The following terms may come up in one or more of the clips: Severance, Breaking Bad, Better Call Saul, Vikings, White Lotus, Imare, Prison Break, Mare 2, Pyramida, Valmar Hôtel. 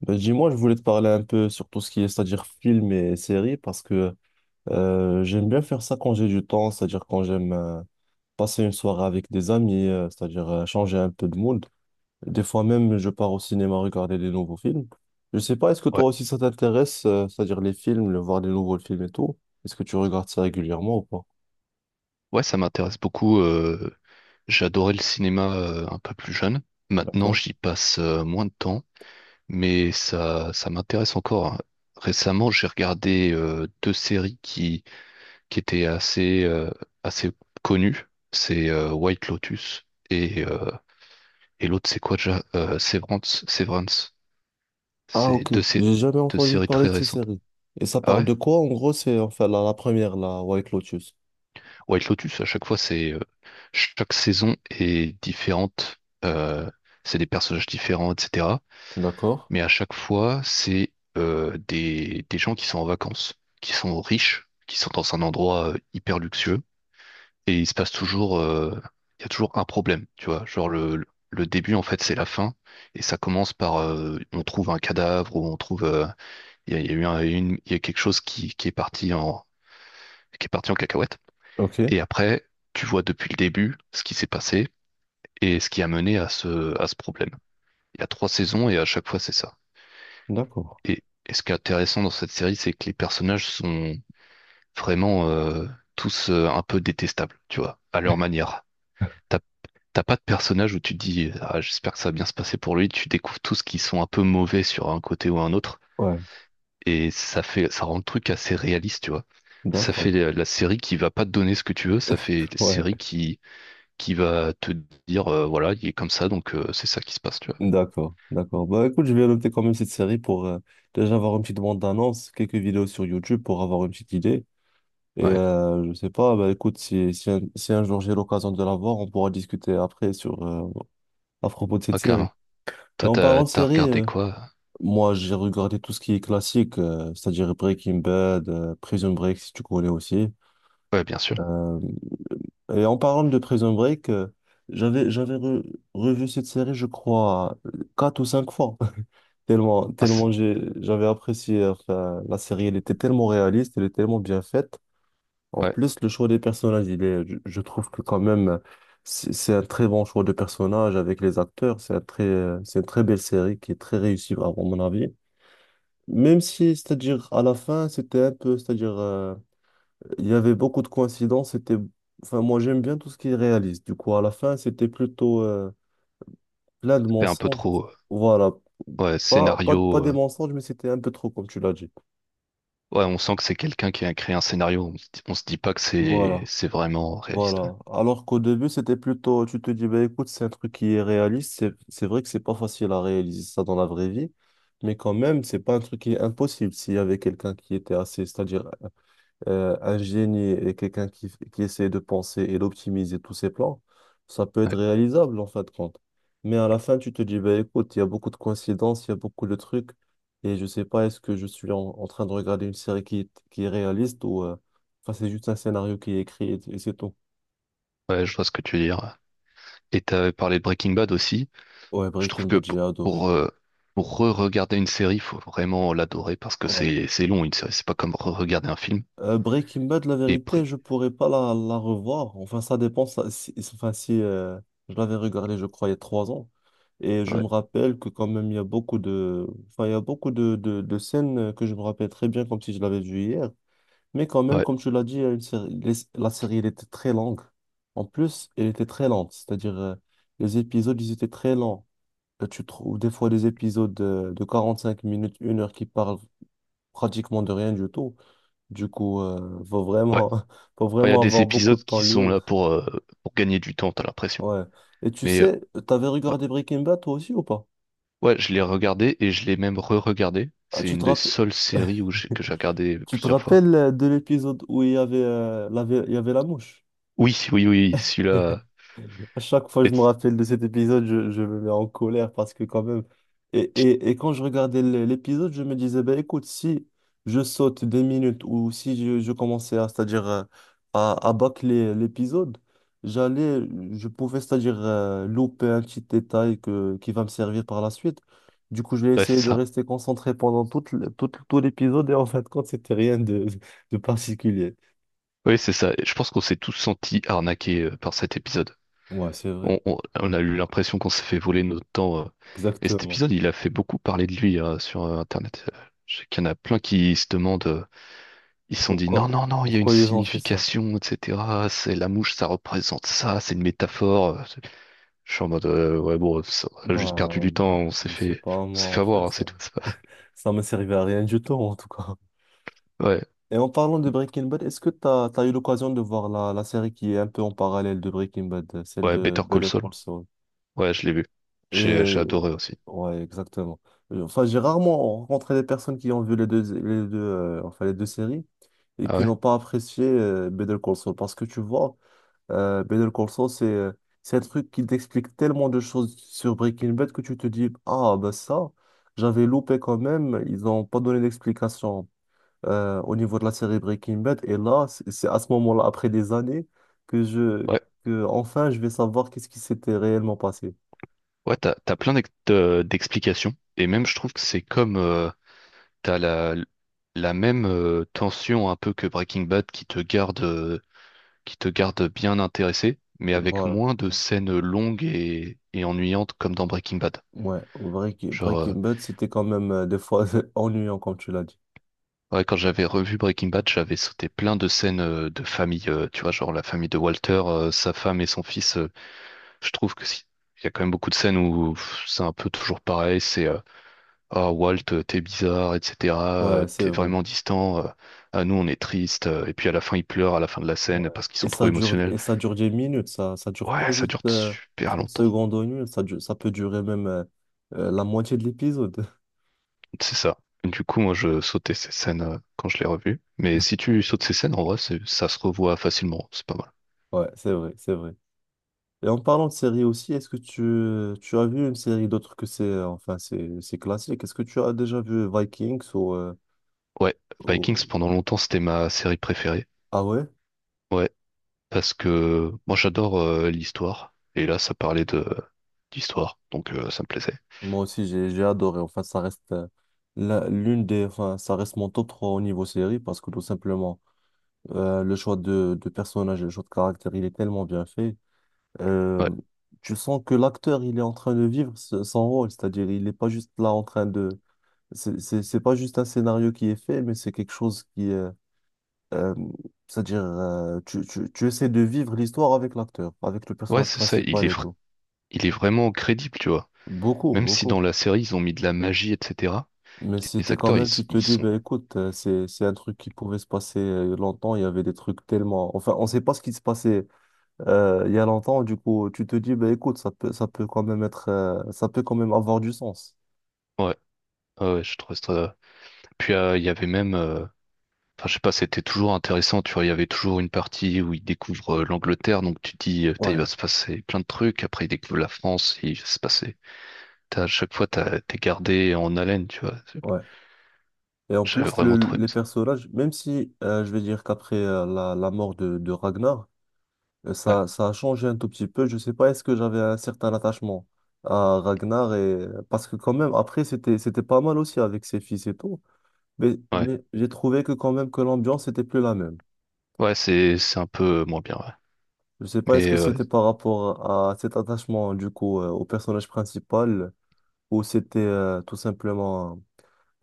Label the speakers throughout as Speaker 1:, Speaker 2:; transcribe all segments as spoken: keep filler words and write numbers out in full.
Speaker 1: Ben, dis-moi, je voulais te parler un peu sur tout ce qui est, c'est-à-dire film et séries, parce que euh, j'aime bien faire ça quand j'ai du temps, c'est-à-dire quand j'aime euh, passer une soirée avec des amis, euh, c'est-à-dire euh, changer un peu de mood. Des fois même, je pars au cinéma regarder des nouveaux films. Je sais pas, est-ce que toi
Speaker 2: Ouais,
Speaker 1: aussi ça t'intéresse, euh, c'est-à-dire les films, le voir des nouveaux films et tout? Est-ce que tu regardes ça régulièrement ou pas?
Speaker 2: ouais, ça m'intéresse beaucoup. Euh, j'adorais le cinéma euh, un peu plus jeune. Maintenant,
Speaker 1: D'accord.
Speaker 2: j'y passe euh, moins de temps, mais ça, ça m'intéresse encore. hein. Récemment, j'ai regardé euh, deux séries qui, qui étaient assez, euh, assez connues. C'est euh, White Lotus et, euh, et l'autre, c'est quoi déjà? Euh, Severance. Severance.
Speaker 1: Ah,
Speaker 2: C'est
Speaker 1: ok.
Speaker 2: deux, sé-
Speaker 1: J'ai jamais
Speaker 2: deux
Speaker 1: entendu
Speaker 2: séries
Speaker 1: parler
Speaker 2: très
Speaker 1: de ces
Speaker 2: récentes.
Speaker 1: séries. Et ça
Speaker 2: Ah
Speaker 1: parle
Speaker 2: ouais?
Speaker 1: de quoi? En gros, c'est enfin la, la première, la White Lotus.
Speaker 2: White Lotus, à chaque fois, c'est euh, chaque saison est différente. euh, c'est des personnages différents, et cetera.
Speaker 1: D'accord.
Speaker 2: Mais à chaque fois, c'est euh, des, des gens qui sont en vacances, qui sont riches, qui sont dans un endroit euh, hyper luxueux. Et il se passe toujours, euh, il y a toujours un problème, tu vois. Genre le, le le début, en fait, c'est la fin. Et ça commence par, euh, on trouve un cadavre ou on trouve, euh, il y a, il y a eu un- une, il y a quelque chose qui, qui est parti en, qui est parti en cacahuète.
Speaker 1: Ok.
Speaker 2: Et après, tu vois depuis le début ce qui s'est passé et ce qui a mené à ce, à ce problème. Il y a trois saisons et à chaque fois c'est ça.
Speaker 1: D'accord.
Speaker 2: Et, et ce qui est intéressant dans cette série, c'est que les personnages sont vraiment euh, tous euh, un peu détestables, tu vois, à leur manière. T'as t'as pas de personnage où tu te dis, ah, j'espère que ça va bien se passer pour lui. Tu découvres tous qui sont un peu mauvais sur un côté ou un autre.
Speaker 1: Ouais,
Speaker 2: Et ça fait, ça rend le truc assez réaliste, tu vois. Ça fait
Speaker 1: d'accord.
Speaker 2: la la série qui va pas te donner ce que tu veux, ça fait la
Speaker 1: Ouais,
Speaker 2: série qui qui va te dire, euh, voilà, il est comme ça, donc euh, c'est ça qui se passe, tu vois.
Speaker 1: d'accord, d'accord. Bah écoute, je vais noter quand même cette série pour euh, déjà avoir une petite bande d'annonce, quelques vidéos sur YouTube pour avoir une petite idée. Et
Speaker 2: Ouais,
Speaker 1: euh, je sais pas, bah écoute, si, si, un, si un jour j'ai l'occasion de la voir, on pourra discuter après sur euh, à propos de cette
Speaker 2: ah,
Speaker 1: série.
Speaker 2: carrément.
Speaker 1: Et
Speaker 2: Toi,
Speaker 1: en
Speaker 2: t'as,
Speaker 1: parlant de
Speaker 2: t'as
Speaker 1: série,
Speaker 2: regardé
Speaker 1: euh,
Speaker 2: quoi?
Speaker 1: moi j'ai regardé tout ce qui est classique, euh, c'est-à-dire Breaking Bad, euh, Prison Break si tu connais aussi.
Speaker 2: Ouais, bien sûr.
Speaker 1: Euh, et en parlant de Prison Break, euh, j'avais j'avais re- revu cette série, je crois, euh, quatre ou cinq fois. Tellement,
Speaker 2: Ah, c'est-
Speaker 1: tellement j'ai- j'avais apprécié enfin, la série, elle était tellement réaliste, elle est tellement bien faite. En
Speaker 2: ouais,
Speaker 1: plus, le choix des personnages, il est, je, je trouve que quand même, c'est c'est un très bon choix de personnages avec les acteurs. C'est un très, c'est une très belle série qui est très réussie, à mon avis. Même si, c'est-à-dire, à la fin, c'était un peu, c'est-à-dire, euh, il y avait beaucoup de coïncidences. C'était, enfin, moi, j'aime bien tout ce qui est réaliste. Du coup, à la fin, c'était plutôt euh, plein de
Speaker 2: c'est un peu
Speaker 1: mensonges.
Speaker 2: trop. euh,
Speaker 1: Voilà,
Speaker 2: Ouais,
Speaker 1: pas, pas, pas
Speaker 2: scénario.
Speaker 1: des
Speaker 2: euh,
Speaker 1: mensonges, mais c'était un peu trop, comme tu l'as dit.
Speaker 2: Ouais, on sent que c'est quelqu'un qui a créé un scénario. On se dit, on se dit pas que c'est
Speaker 1: Voilà,
Speaker 2: c'est vraiment réaliste.
Speaker 1: voilà. Alors qu'au début, c'était plutôt, tu te dis, bah, écoute, c'est un truc qui est réaliste. C'est, c'est vrai que c'est pas facile à réaliser ça dans la vraie vie, mais quand même, c'est pas un truc qui est impossible. S'il y avait quelqu'un qui était assez, c'est-à-dire euh, un génie et quelqu'un qui, qui essaie de penser et d'optimiser tous ses plans, ça peut
Speaker 2: Ouais.
Speaker 1: être réalisable en fin de compte. Mais à la fin, tu te dis, bah, écoute, il y a beaucoup de coïncidences, il y a beaucoup de trucs, et je sais pas, est-ce que je suis en, en train de regarder une série qui, est- qui est réaliste ou euh, enfin, c'est juste un scénario qui est écrit et, et c'est tout.
Speaker 2: Ouais, ouais, je vois ce que tu veux dire. Et t'avais parlé de Breaking Bad aussi.
Speaker 1: Ouais,
Speaker 2: Je trouve
Speaker 1: Breaking
Speaker 2: que
Speaker 1: Bad,
Speaker 2: pour
Speaker 1: j'ai adoré.
Speaker 2: pour, euh, pour re-regarder une série, faut vraiment l'adorer parce que
Speaker 1: Ouais.
Speaker 2: c'est c'est long une série. C'est pas comme re-regarder un film.
Speaker 1: Euh, Breaking Bad, la
Speaker 2: Et pr-
Speaker 1: vérité, je pourrais pas la, la revoir. Enfin, ça dépend. Ça- si, si, Enfin, si euh, je l'avais regardé, je crois, il y a trois ans. Et je
Speaker 2: ouais,
Speaker 1: me rappelle que quand même, il y a beaucoup de, enfin, il y a beaucoup de, de, de scènes euh, que je me rappelle très bien, comme si je l'avais vu hier. Mais quand
Speaker 2: ouais.
Speaker 1: même,
Speaker 2: Ouais,
Speaker 1: comme tu l'as dit, il y a une série- les- la série, elle était très longue. En plus, elle était très lente. C'est-à-dire, euh, les épisodes, ils étaient très lents. Euh, Tu trouves des fois des épisodes de, de quarante-cinq minutes, une heure qui parlent pratiquement de rien du tout. Du coup, euh, faut vraiment, faut
Speaker 2: Enfin, Il y a
Speaker 1: vraiment
Speaker 2: des
Speaker 1: avoir beaucoup de
Speaker 2: épisodes
Speaker 1: temps
Speaker 2: qui sont là
Speaker 1: libre.
Speaker 2: pour, euh, pour gagner du temps, t'as l'impression.
Speaker 1: Ouais. Et tu
Speaker 2: Mais euh,
Speaker 1: sais, t'avais
Speaker 2: ouais,
Speaker 1: regardé Breaking Bad toi aussi ou pas?
Speaker 2: ouais, je l'ai regardé et je l'ai même re-regardé.
Speaker 1: Ah,
Speaker 2: C'est
Speaker 1: tu
Speaker 2: une
Speaker 1: te
Speaker 2: des
Speaker 1: rappelles,
Speaker 2: seules séries où j'ai- que j'ai regardé
Speaker 1: tu te
Speaker 2: plusieurs fois.
Speaker 1: rappelles euh, de l'épisode où il y avait, euh, la, ve- il y avait la mouche?
Speaker 2: Oui, oui, oui, celui-là.
Speaker 1: À chaque fois que je me
Speaker 2: et-
Speaker 1: rappelle de cet épisode, je, je me mets en colère parce que quand même. Et, et, et quand je regardais l- l'épisode, je me disais, ben écoute, si je saute des minutes ou si je, je commençais à, c'est-à-dire, euh, à, à bâcler l'épisode, j'allais, je pouvais, c'est-à-dire, euh, louper un petit détail que, qui va me servir par la suite. Du coup, j'ai
Speaker 2: Ouais, c'est
Speaker 1: essayé de
Speaker 2: ça.
Speaker 1: rester concentré pendant tout le- tout, tout l'épisode et en fin de compte, c'était rien de, de particulier.
Speaker 2: Oui, c'est ça. Et je pense qu'on s'est tous sentis arnaqués euh, par cet épisode.
Speaker 1: Ouais, c'est vrai.
Speaker 2: On, on- on a eu l'impression qu'on s'est fait voler notre temps. euh. Et cet
Speaker 1: Exactement.
Speaker 2: épisode, il a fait beaucoup parler de lui euh, sur euh, Internet. Euh, Je sais qu'il y en a plein qui se demandent. euh, Ils se sont dit, non,
Speaker 1: Pourquoi,
Speaker 2: non, non, il y a une
Speaker 1: pourquoi ils ont fait ça?
Speaker 2: signification, et cetera. C'est la mouche, ça représente ça, c'est une métaphore. Je suis en mode, euh, ouais, bon, ça, on a juste
Speaker 1: Bah,
Speaker 2: perdu du temps, on s'est
Speaker 1: je sais
Speaker 2: fait,
Speaker 1: pas,
Speaker 2: on s'est
Speaker 1: moi,
Speaker 2: fait
Speaker 1: en
Speaker 2: avoir,
Speaker 1: fait,
Speaker 2: hein,
Speaker 1: ça,
Speaker 2: c'est tout. C'est pas-
Speaker 1: ça me servait à rien du tout, en tout cas.
Speaker 2: Ouais,
Speaker 1: Et en parlant de Breaking Bad, est-ce que tu as, eu l'occasion de voir la, la série qui est un peu en parallèle de Breaking Bad, euh, celle
Speaker 2: ouais,
Speaker 1: de
Speaker 2: Better Call
Speaker 1: Better
Speaker 2: Saul.
Speaker 1: Call Saul?
Speaker 2: Ouais, je l'ai vu. J'ai,
Speaker 1: Et,
Speaker 2: j'ai adoré aussi.
Speaker 1: ouais, exactement. Euh, Enfin, j'ai rarement rencontré des personnes qui ont vu les deux, les deux, euh, enfin, les deux séries et
Speaker 2: Ah
Speaker 1: qui
Speaker 2: ouais?
Speaker 1: n'ont pas apprécié euh, Better Call Saul parce que tu vois. Euh, Better Call Saul, c'est euh, c'est un truc qui t'explique tellement de choses sur Breaking Bad que tu te dis, ah, ben ça, j'avais loupé quand même, ils n'ont pas donné d'explication euh, au niveau de la série Breaking Bad. Et là, c'est c'est à ce moment-là, après des années, que je,
Speaker 2: Ouais,
Speaker 1: que enfin, je vais savoir qu'est-ce qui s'était réellement passé.
Speaker 2: ouais, t'as, t'as plein d'ex- de- d'explications. Et même, je trouve que c'est comme, euh, t'as la, la même euh, tension un peu que Breaking Bad qui te garde euh, qui te garde bien intéressé, mais avec
Speaker 1: Voilà.
Speaker 2: moins de scènes longues et, et ennuyantes comme dans Breaking Bad.
Speaker 1: Ouais, Breaking,
Speaker 2: Genre, euh,
Speaker 1: Breaking Bad, c'était quand même euh, des fois ennuyant, comme tu l'as dit.
Speaker 2: ouais, quand j'avais revu Breaking Bad, j'avais sauté plein de scènes euh, de famille, euh, tu vois, genre la famille de Walter, euh, sa femme et son fils. euh, Je trouve que si. Il y a quand même beaucoup de scènes où pff, c'est un peu toujours pareil, c'est euh, ah, Walt, euh, t'es bizarre, et cetera euh,
Speaker 1: Ouais, c'est
Speaker 2: T'es
Speaker 1: vrai.
Speaker 2: vraiment distant. euh, Ah, nous, on est triste. euh, Et puis à la fin, ils pleurent à la fin de la
Speaker 1: Ouais.
Speaker 2: scène parce qu'ils
Speaker 1: Et
Speaker 2: sont trop
Speaker 1: ça dure,
Speaker 2: émotionnels.
Speaker 1: et ça dure dix minutes, ça, ça dure pas
Speaker 2: Ouais, ça
Speaker 1: juste
Speaker 2: dure
Speaker 1: euh,
Speaker 2: super
Speaker 1: trente
Speaker 2: longtemps.
Speaker 1: secondes ou une minute, ça, dure- ça peut durer même euh, euh, la moitié de l'épisode.
Speaker 2: C'est ça. Du coup, moi, je sautais ces scènes euh, quand je l'ai revu. Mais si tu sautes ces scènes, en vrai, c'est- ça se revoit facilement. C'est pas mal.
Speaker 1: Ouais, c'est vrai, c'est vrai. Et en parlant de séries aussi, est-ce que tu, tu as vu une série d'autre que c'est, euh, enfin, c'est, c'est classique? Est-ce que tu as déjà vu Vikings? ou, euh,
Speaker 2: Ouais, Vikings,
Speaker 1: ou-
Speaker 2: pendant longtemps, c'était ma série préférée.
Speaker 1: Ah ouais?
Speaker 2: Ouais, parce que moi, j'adore euh, l'histoire. Et là, ça parlait de d'histoire. Donc, euh, ça me plaisait.
Speaker 1: Moi aussi, j'ai, j'ai adoré. Enfin, ça reste euh, la- l'une des, enfin, ça reste mon top trois au niveau série parce que tout simplement, euh, le choix de, de personnages et le choix de caractère, il est tellement bien fait. euh,
Speaker 2: Ouais,
Speaker 1: Tu sens que l'acteur, il est en train de vivre ce- son rôle, c'est-à-dire il n'est pas juste là en train de. C'est c'est- c'est pas juste un scénario qui est fait, mais c'est quelque chose qui. euh, euh, C'est-à-dire, euh, tu, tu, tu essaies de vivre l'histoire avec l'acteur, avec le
Speaker 2: ouais,
Speaker 1: personnage
Speaker 2: c'est ça. Il
Speaker 1: principal
Speaker 2: est,
Speaker 1: et
Speaker 2: fr-
Speaker 1: tout.
Speaker 2: il est vraiment crédible, tu vois.
Speaker 1: Beaucoup,
Speaker 2: Même si dans
Speaker 1: beaucoup.
Speaker 2: la série, ils ont mis de la magie, et cetera.
Speaker 1: Mais
Speaker 2: Les
Speaker 1: c'était quand
Speaker 2: acteurs, ils,
Speaker 1: même, tu
Speaker 2: s-
Speaker 1: te
Speaker 2: ils
Speaker 1: dis,
Speaker 2: sont.
Speaker 1: ben écoute, euh, c'est, c'est un truc qui pouvait se passer euh, longtemps, il y avait des trucs tellement. Enfin, on ne sait pas ce qui se passait euh, il y a longtemps, du coup, tu te dis, ben écoute, ça peut, ça peut quand même être. Euh, ça peut quand même avoir du sens.
Speaker 2: Ouais, ouais, ouais, je trouve ça. Puis, euh, il y avait même. euh, Enfin, je sais pas, c'était toujours intéressant, tu vois, il y avait toujours une partie où il découvre euh, l'Angleterre, donc tu te dis, euh, putain, il va
Speaker 1: Ouais,
Speaker 2: se passer plein de trucs, après il découvre la France, il va se passer. T'as- À chaque fois, t'as- t'es gardé en haleine, tu vois. C'est-
Speaker 1: ouais. Et en
Speaker 2: J'avais
Speaker 1: plus,
Speaker 2: vraiment
Speaker 1: le-
Speaker 2: trouvé
Speaker 1: les
Speaker 2: aimé ça.
Speaker 1: personnages, même si euh, je vais dire qu'après euh, la, la mort de, de Ragnar, euh,
Speaker 2: Ouais,
Speaker 1: ça, ça a changé un tout petit peu. Je sais pas, est-ce que j'avais un certain attachement à Ragnar et. Parce que quand même, après, c'était, c'était pas mal aussi avec ses fils et tout. Mais,
Speaker 2: ouais,
Speaker 1: mais j'ai trouvé que quand même que l'ambiance était plus la même.
Speaker 2: ouais, c'est c'est un peu moins bien, ouais.
Speaker 1: Je sais pas, est-ce
Speaker 2: Mais
Speaker 1: que
Speaker 2: euh,
Speaker 1: c'était par rapport à cet attachement du coup euh, au personnage principal ou c'était euh, tout simplement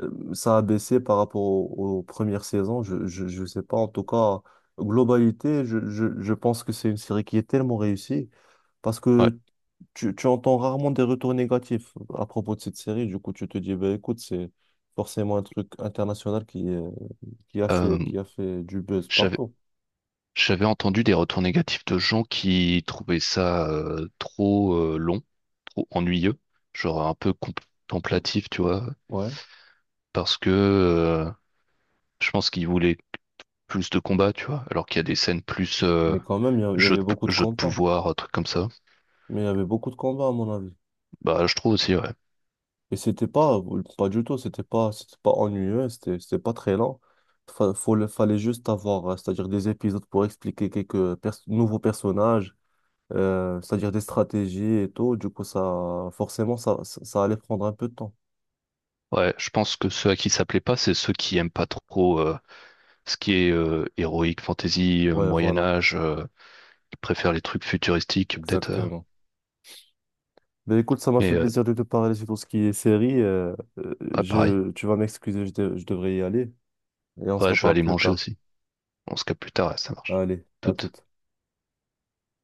Speaker 1: euh, ça a baissé par rapport au- aux, premières saisons. Je, je, je sais pas. En tout cas, globalité, je, je, je pense que c'est une série qui est tellement réussie parce
Speaker 2: ouais,
Speaker 1: que tu, tu entends rarement des retours négatifs à propos de cette série. Du coup, tu te dis, bah, écoute, c'est forcément un truc international qui, euh, qui a
Speaker 2: Euh,
Speaker 1: fait, qui a fait du buzz
Speaker 2: j'avais
Speaker 1: partout.
Speaker 2: j'avais entendu des retours négatifs de gens qui trouvaient ça euh, trop euh, long, trop ennuyeux, genre un peu contemplatif, tu vois,
Speaker 1: Ouais.
Speaker 2: parce que euh, je pense qu'ils voulaient plus de combats, tu vois, alors qu'il y a des scènes plus euh,
Speaker 1: Mais quand même, il y, a- il y
Speaker 2: jeu
Speaker 1: avait
Speaker 2: de,
Speaker 1: beaucoup de
Speaker 2: jeu de
Speaker 1: combats.
Speaker 2: pouvoir, euh, trucs comme ça.
Speaker 1: Mais il y avait beaucoup de combats, à mon avis.
Speaker 2: Bah, je trouve aussi, ouais.
Speaker 1: Et c'était pas, euh, pas du tout, c'était pas, c'était pas ennuyeux, c'était, c'était pas très lent. Fa- faut le- fallait juste avoir, euh, c'est-à-dire des épisodes pour expliquer quelques pers- nouveaux personnages, euh, c'est-à-dire des stratégies et tout. Du coup, ça, forcément, ça, ça, ça allait prendre un peu de temps.
Speaker 2: Ouais, je pense que ceux à qui ça plaît pas, c'est ceux qui aiment pas trop euh, ce qui est euh, héroïque, fantasy, euh,
Speaker 1: Ouais,
Speaker 2: Moyen
Speaker 1: voilà,
Speaker 2: Âge, euh, qui préfèrent les trucs futuristiques, peut-être. euh,
Speaker 1: exactement. Mais écoute, ça m'a
Speaker 2: mais
Speaker 1: fait
Speaker 2: euh,
Speaker 1: plaisir de te parler sur tout ce qui est série. euh, euh,
Speaker 2: ouais, pareil.
Speaker 1: je, tu vas m'excuser, je, de- je devrais y aller. Et on se
Speaker 2: Ouais, je vais
Speaker 1: reparle
Speaker 2: aller
Speaker 1: plus
Speaker 2: manger
Speaker 1: tard.
Speaker 2: aussi. On se capte plus tard, ouais, ça marche.
Speaker 1: Allez, à
Speaker 2: Tout.
Speaker 1: toute.